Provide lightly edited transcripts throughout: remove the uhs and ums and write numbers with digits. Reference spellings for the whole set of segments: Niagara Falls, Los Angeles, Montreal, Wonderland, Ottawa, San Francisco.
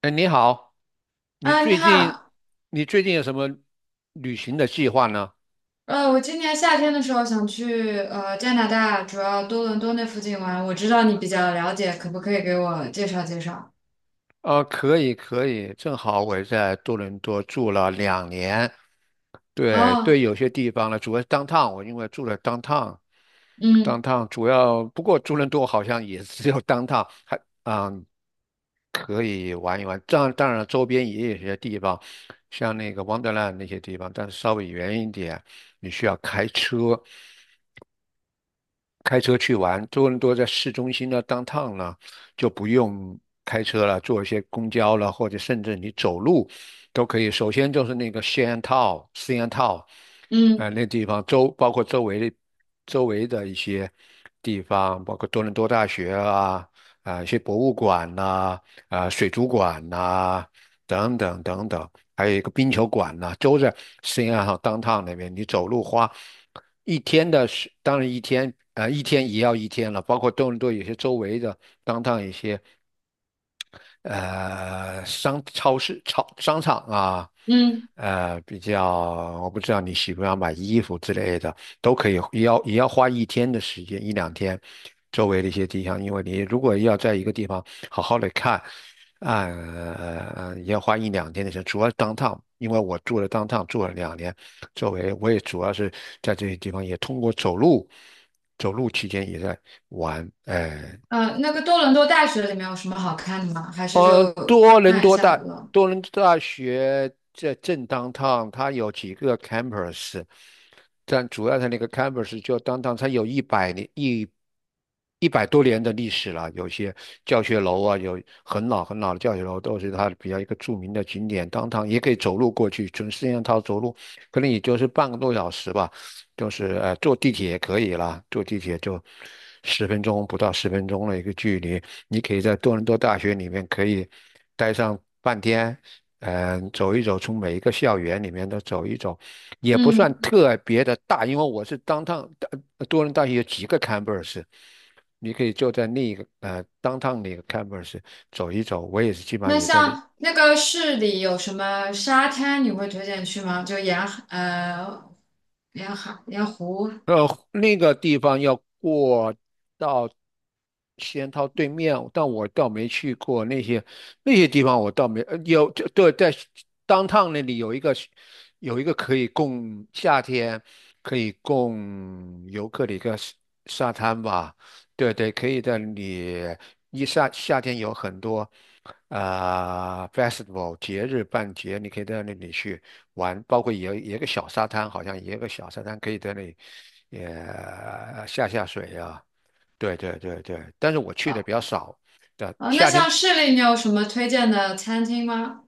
哎，你好，你啊，你最近好，你最近有什么旅行的计划呢？我今年夏天的时候想去加拿大，主要多伦多那附近玩。我知道你比较了解，可不可以给我介绍介绍？可以可以，正好我也在多伦多住了两年，对哦，对，有些地方呢，主要是 downtown，我因为住了 downtown。嗯 downtown 主要不过多伦多好像也只有 downtown，还嗯可以玩一玩，当然了周边也有些地方，像那个 Wonderland 那些地方，但是稍微远一点，你需要开车。开车去玩，多伦多在市中心呢，downtown 呢，就不用开车了，坐一些公交了，或者甚至你走路都可以。首先就是那个 Shantou、嗯那地方包括周围的一些地方，包括多伦多大学啊，一些博物馆呐、啊，水族馆呐、等等等等，还有一个冰球馆呐、都在 s 安 a downtown 那边，你走路花。一天的是，当然一天，一天也要一天了，包括多伦多有些周围的一些，商超市、超商场啊，嗯，比较我不知道你喜不喜欢买衣服之类的，都可以，也要花一天的时间，一两天，周围的一些地方，因为你如果要在一个地方好好的看，也要花一两天的时间，主要 downtown，是 downtown，因为我住了 downtown 住了两年，周围我也主要是在这些地方，也通过走路，走路期间也在玩那个多伦多大学里面有什么好看的吗？还是呃，就多伦看一多下大了？多伦多大学在正 downtown，它有几个 campus，但主要的那个 campus 就 downtown，它有一百多年的历史了，有些教学楼啊，有很老很老的教学楼都是它比较一个著名的景点。downtown 也可以走路过去，从四政套走路，可能也就是半个多小时吧。就是坐地铁也可以啦，坐地铁就十分钟不到十分钟的一个距离，你可以在多伦多大学里面可以待上半天，走一走，从每一个校园里面都走一走，也不算嗯，特别的大，因为我是当趟多伦多大学有几个 campus。你可以就在那一个downtown 那个 campus 走一走，我也是基本上那也在那像那个市里有什么沙滩，你会推荐去吗？就沿海沿湖。呃，那个地方要过到仙桃对面，但我倒没去过那些地方，我倒没有就对，在那里有一个可以供夏天可以供游客的一个沙滩吧，对对，可以在那里夏天有很多。Festival 节日办节，你可以到那里去玩，包括也有个小沙滩，好像也有个小沙滩可以在那里也下水啊。对对对对，但是我去的呃，比较少的，那夏天像市里你有什么推荐的餐厅吗？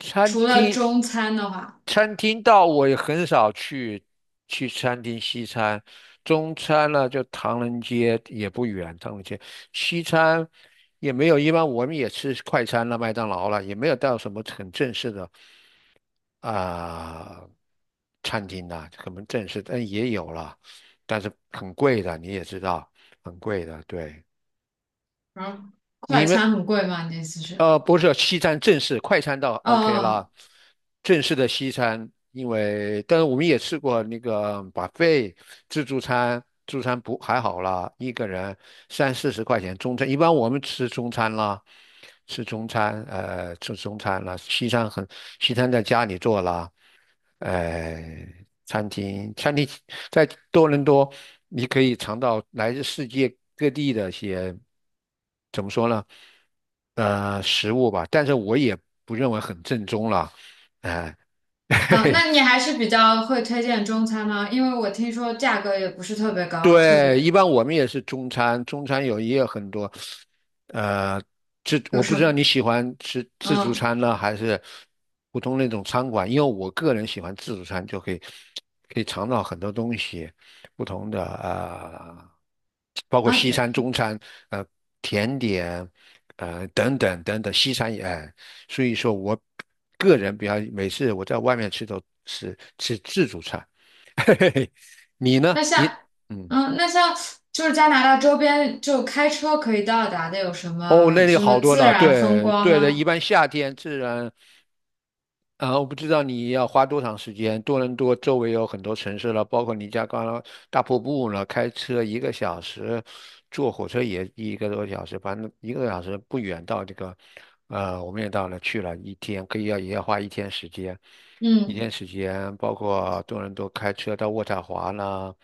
餐除了厅中餐的话。餐厅到我也很少去餐厅西餐，中餐呢就唐人街也不远，唐人街西餐也没有，一般我们也吃快餐了，麦当劳了，也没有到什么很正式的。啊、餐厅啦，可能正式，但也有了，但是很贵的，你也知道，很贵的。对，然后你快们餐很贵吗？你的意思是？不是西餐正式快餐倒 哦 OK 哦啦，正式的西餐，因为但是我们也吃过那个自助餐，自助餐不还好啦，一个人三四十块钱中餐，一般我们吃中餐啦。吃中餐，吃中餐啦，西餐很，西餐在家里做啦，呃，餐厅在多伦多，你可以尝到来自世界各地的一些，怎么说呢？食物吧，但是我也不认为很正宗了，哎、嘿哦，嘿。那你还是比较会推荐中餐吗？因为我听说价格也不是特别高，特对，别一般我们也是中餐，中餐有也有很多，呃，我有不什知么？道你喜欢吃自助嗯餐呢，还是普通那种餐馆，因为我个人喜欢自助餐，就可以尝到很多东西，不同的包括啊，西餐、中餐，呃，甜点，等等等等，西餐也，哎所以说我个人比较每次我在外面吃都是吃自助餐，嘿嘿嘿，你呢？那像你嗯。那像就是加拿大周边就开车可以到达的有什哦，么那里什么好多自了，然风对光对的，一吗？般夏天自然，我不知道你要花多长时间。多伦多周围有很多城市了，包括尼加拉大瀑布了，开车一个小时，坐火车也一个多小时，反正一个多小时不远到这个，我们也去了一天，可以也要花一天时间，一天嗯，时间，包括多伦多开车到渥太华啦，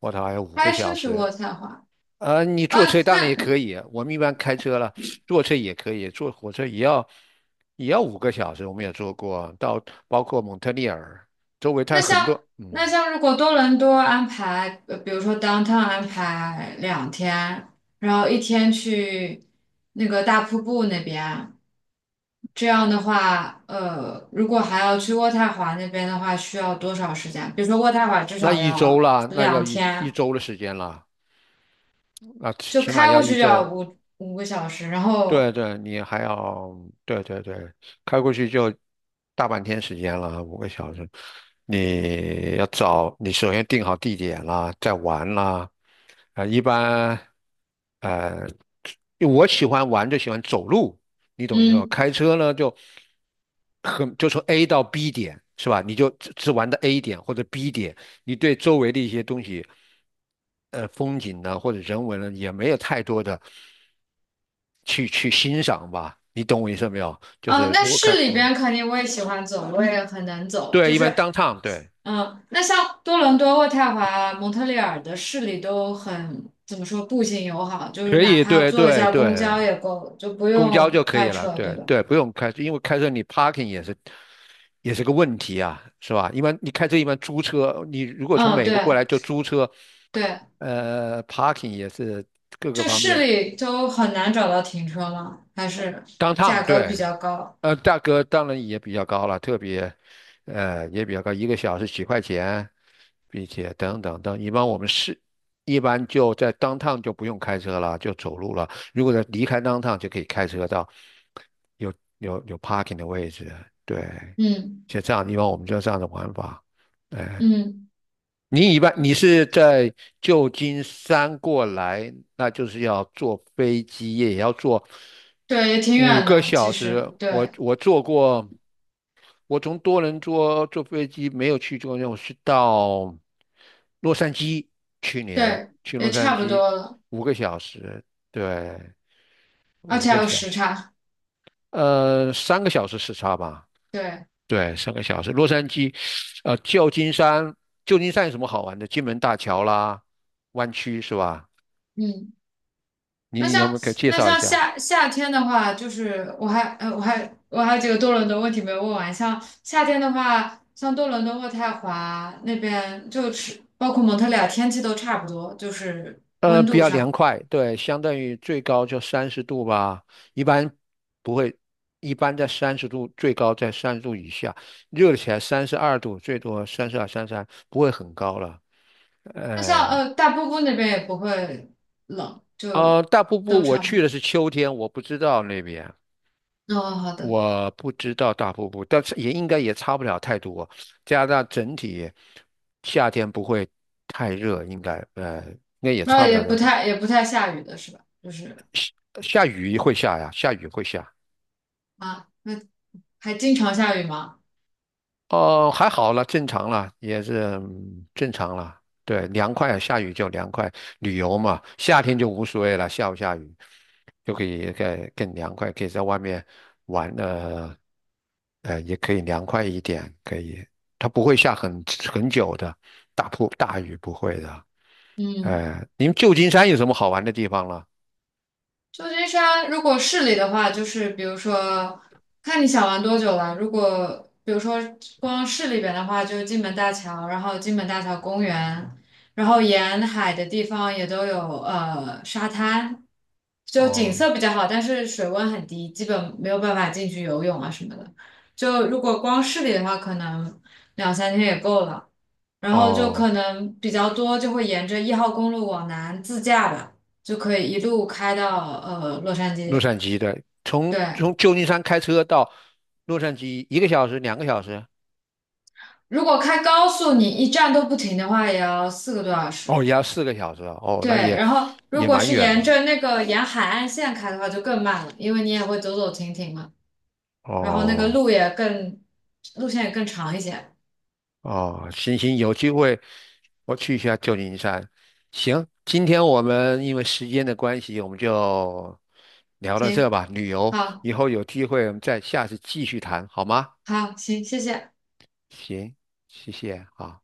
渥太华有五个开小车去时，渥太华你啊？坐车当然也那可以，我们一般开车了，坐车也可以，坐火车也要五个小时，我们也坐过，到包括蒙特利尔周围，它那像很多，那像如果多伦多安排，比如说 downtown 安排2天，然后一天去那个大瀑布那边，这样的话，如果还要去渥太华那边的话，需要多少时间？比如说渥太华至那少一周要啦，那要两一一天，周的时间啦，那起就起码开要过去一就周，要五个小时，然对后对，你还要对对对，开过去就大半天时间了，五个小时。你要找，你首先定好地点啦，再玩啦。一般，呃，因为我喜欢玩就喜欢走路，你懂意思吧？嗯。开车呢就很就从 A 到 B 点是吧？你就只玩的 A 点或者 B 点，你对周围的一些东西。风景呢，或者人文呢，也没有太多的去欣赏吧。你懂我意思没有？就嗯，是那如果开，市里边肯定我也喜欢走，我也很能走，对，就一般 是 downtown 对，那像多伦多渥太华、蒙特利尔的市里都很，怎么说，步行友好，就是可哪以，怕对坐一对下公对，交也够，就不公交用就可以开了，车，对对吧？对，不用开车，因为开车你 parking 也是个问题啊，是吧？一般你开车一般租车，你如果从嗯，美国过对来就租车，对，parking 也是各个就方市面 里都很难找到停车嘛，还是 downtown 价格比对。较高。价格当然也比较高了，特别，也比较高，一个小时几块钱，并且等等等。一般我们是，一般就在当趟就不用开车了，就走路了。如果在离开当趟就可以开车到有有 parking 的位置。对，嗯像这样，一般我们就这样的玩法。哎。嗯，你一般是在旧金山过来，那就是要坐飞机，也要坐对，也挺五远个的，其小时。实，我对我坐过，我从多伦多坐飞机没有去过，我是到洛杉矶，去年对，去洛也杉差不矶多了，五个小时，对，而五且个还有小时时，差。三个小时时差吧。对，对，三个小时。洛杉矶，旧金山，旧金山有什么好玩的？金门大桥啦，湾区是吧？嗯。那你有像没有给介那绍一像下？夏天的话，就是我还有几个多伦多问题没有问完。像夏天的话，像多伦多、渥太华那边，就是包括蒙特利尔，天气都差不多，就是温比度较凉上。快，对，相当于最高就三十度吧，一般不会，一般在三十度，最高在三十度以下，热起来32度，最多32、33，不会很高了。那像哎，大瀑布那边也不会冷，就大瀑都布我差不去多。的是秋天，我不知道那边。哦，好的，我不知道大瀑布，但是也应该也差不了太多。加拿大整体夏天不会太热，应该也那差不也了太不多。太也不太下雨的是吧？就是下雨会下呀，下雨会下。啊，那还经常下雨吗？哦，还好了，正常了，也是正常了。对，凉快啊，下雨就凉快，旅游嘛，夏天就无所谓了，下不下雨就可以更凉快，可以在外面玩，也可以凉快一点，可以，它不会下很久的，大雨不会的。嗯。哎，你们旧金山有什么好玩的地方了？旧金山如果市里的话，就是比如说，看你想玩多久了。如果比如说光市里边的话，就是金门大桥，然后金门大桥公园，然后沿海的地方也都有沙滩，就景哦色比较好，但是水温很低，基本没有办法进去游泳啊什么的。就如果光市里的话，可能2、3天也够了。然后就哦，可能比较多，就会沿着1号公路往南自驾吧。就可以一路开到洛杉矶。洛杉矶的，从对，从旧金山开车到洛杉矶一个小时、2个小时。如果开高速，你一站都不停的话，也要4个多小时。哦，也要4个小时啊哦，对，那也然后如也果蛮是远沿的着那个沿海岸线开的话，就更慢了，因为你也会走走停停嘛，然后那个哦路线也更长一些。哦，行行，有机会我去一下旧金山。行，今天我们因为时间的关系，我们就聊到这行，吧。旅游好，以后有机会我们再下次继续谈，好吗？好，行，谢谢。行，谢谢啊。好。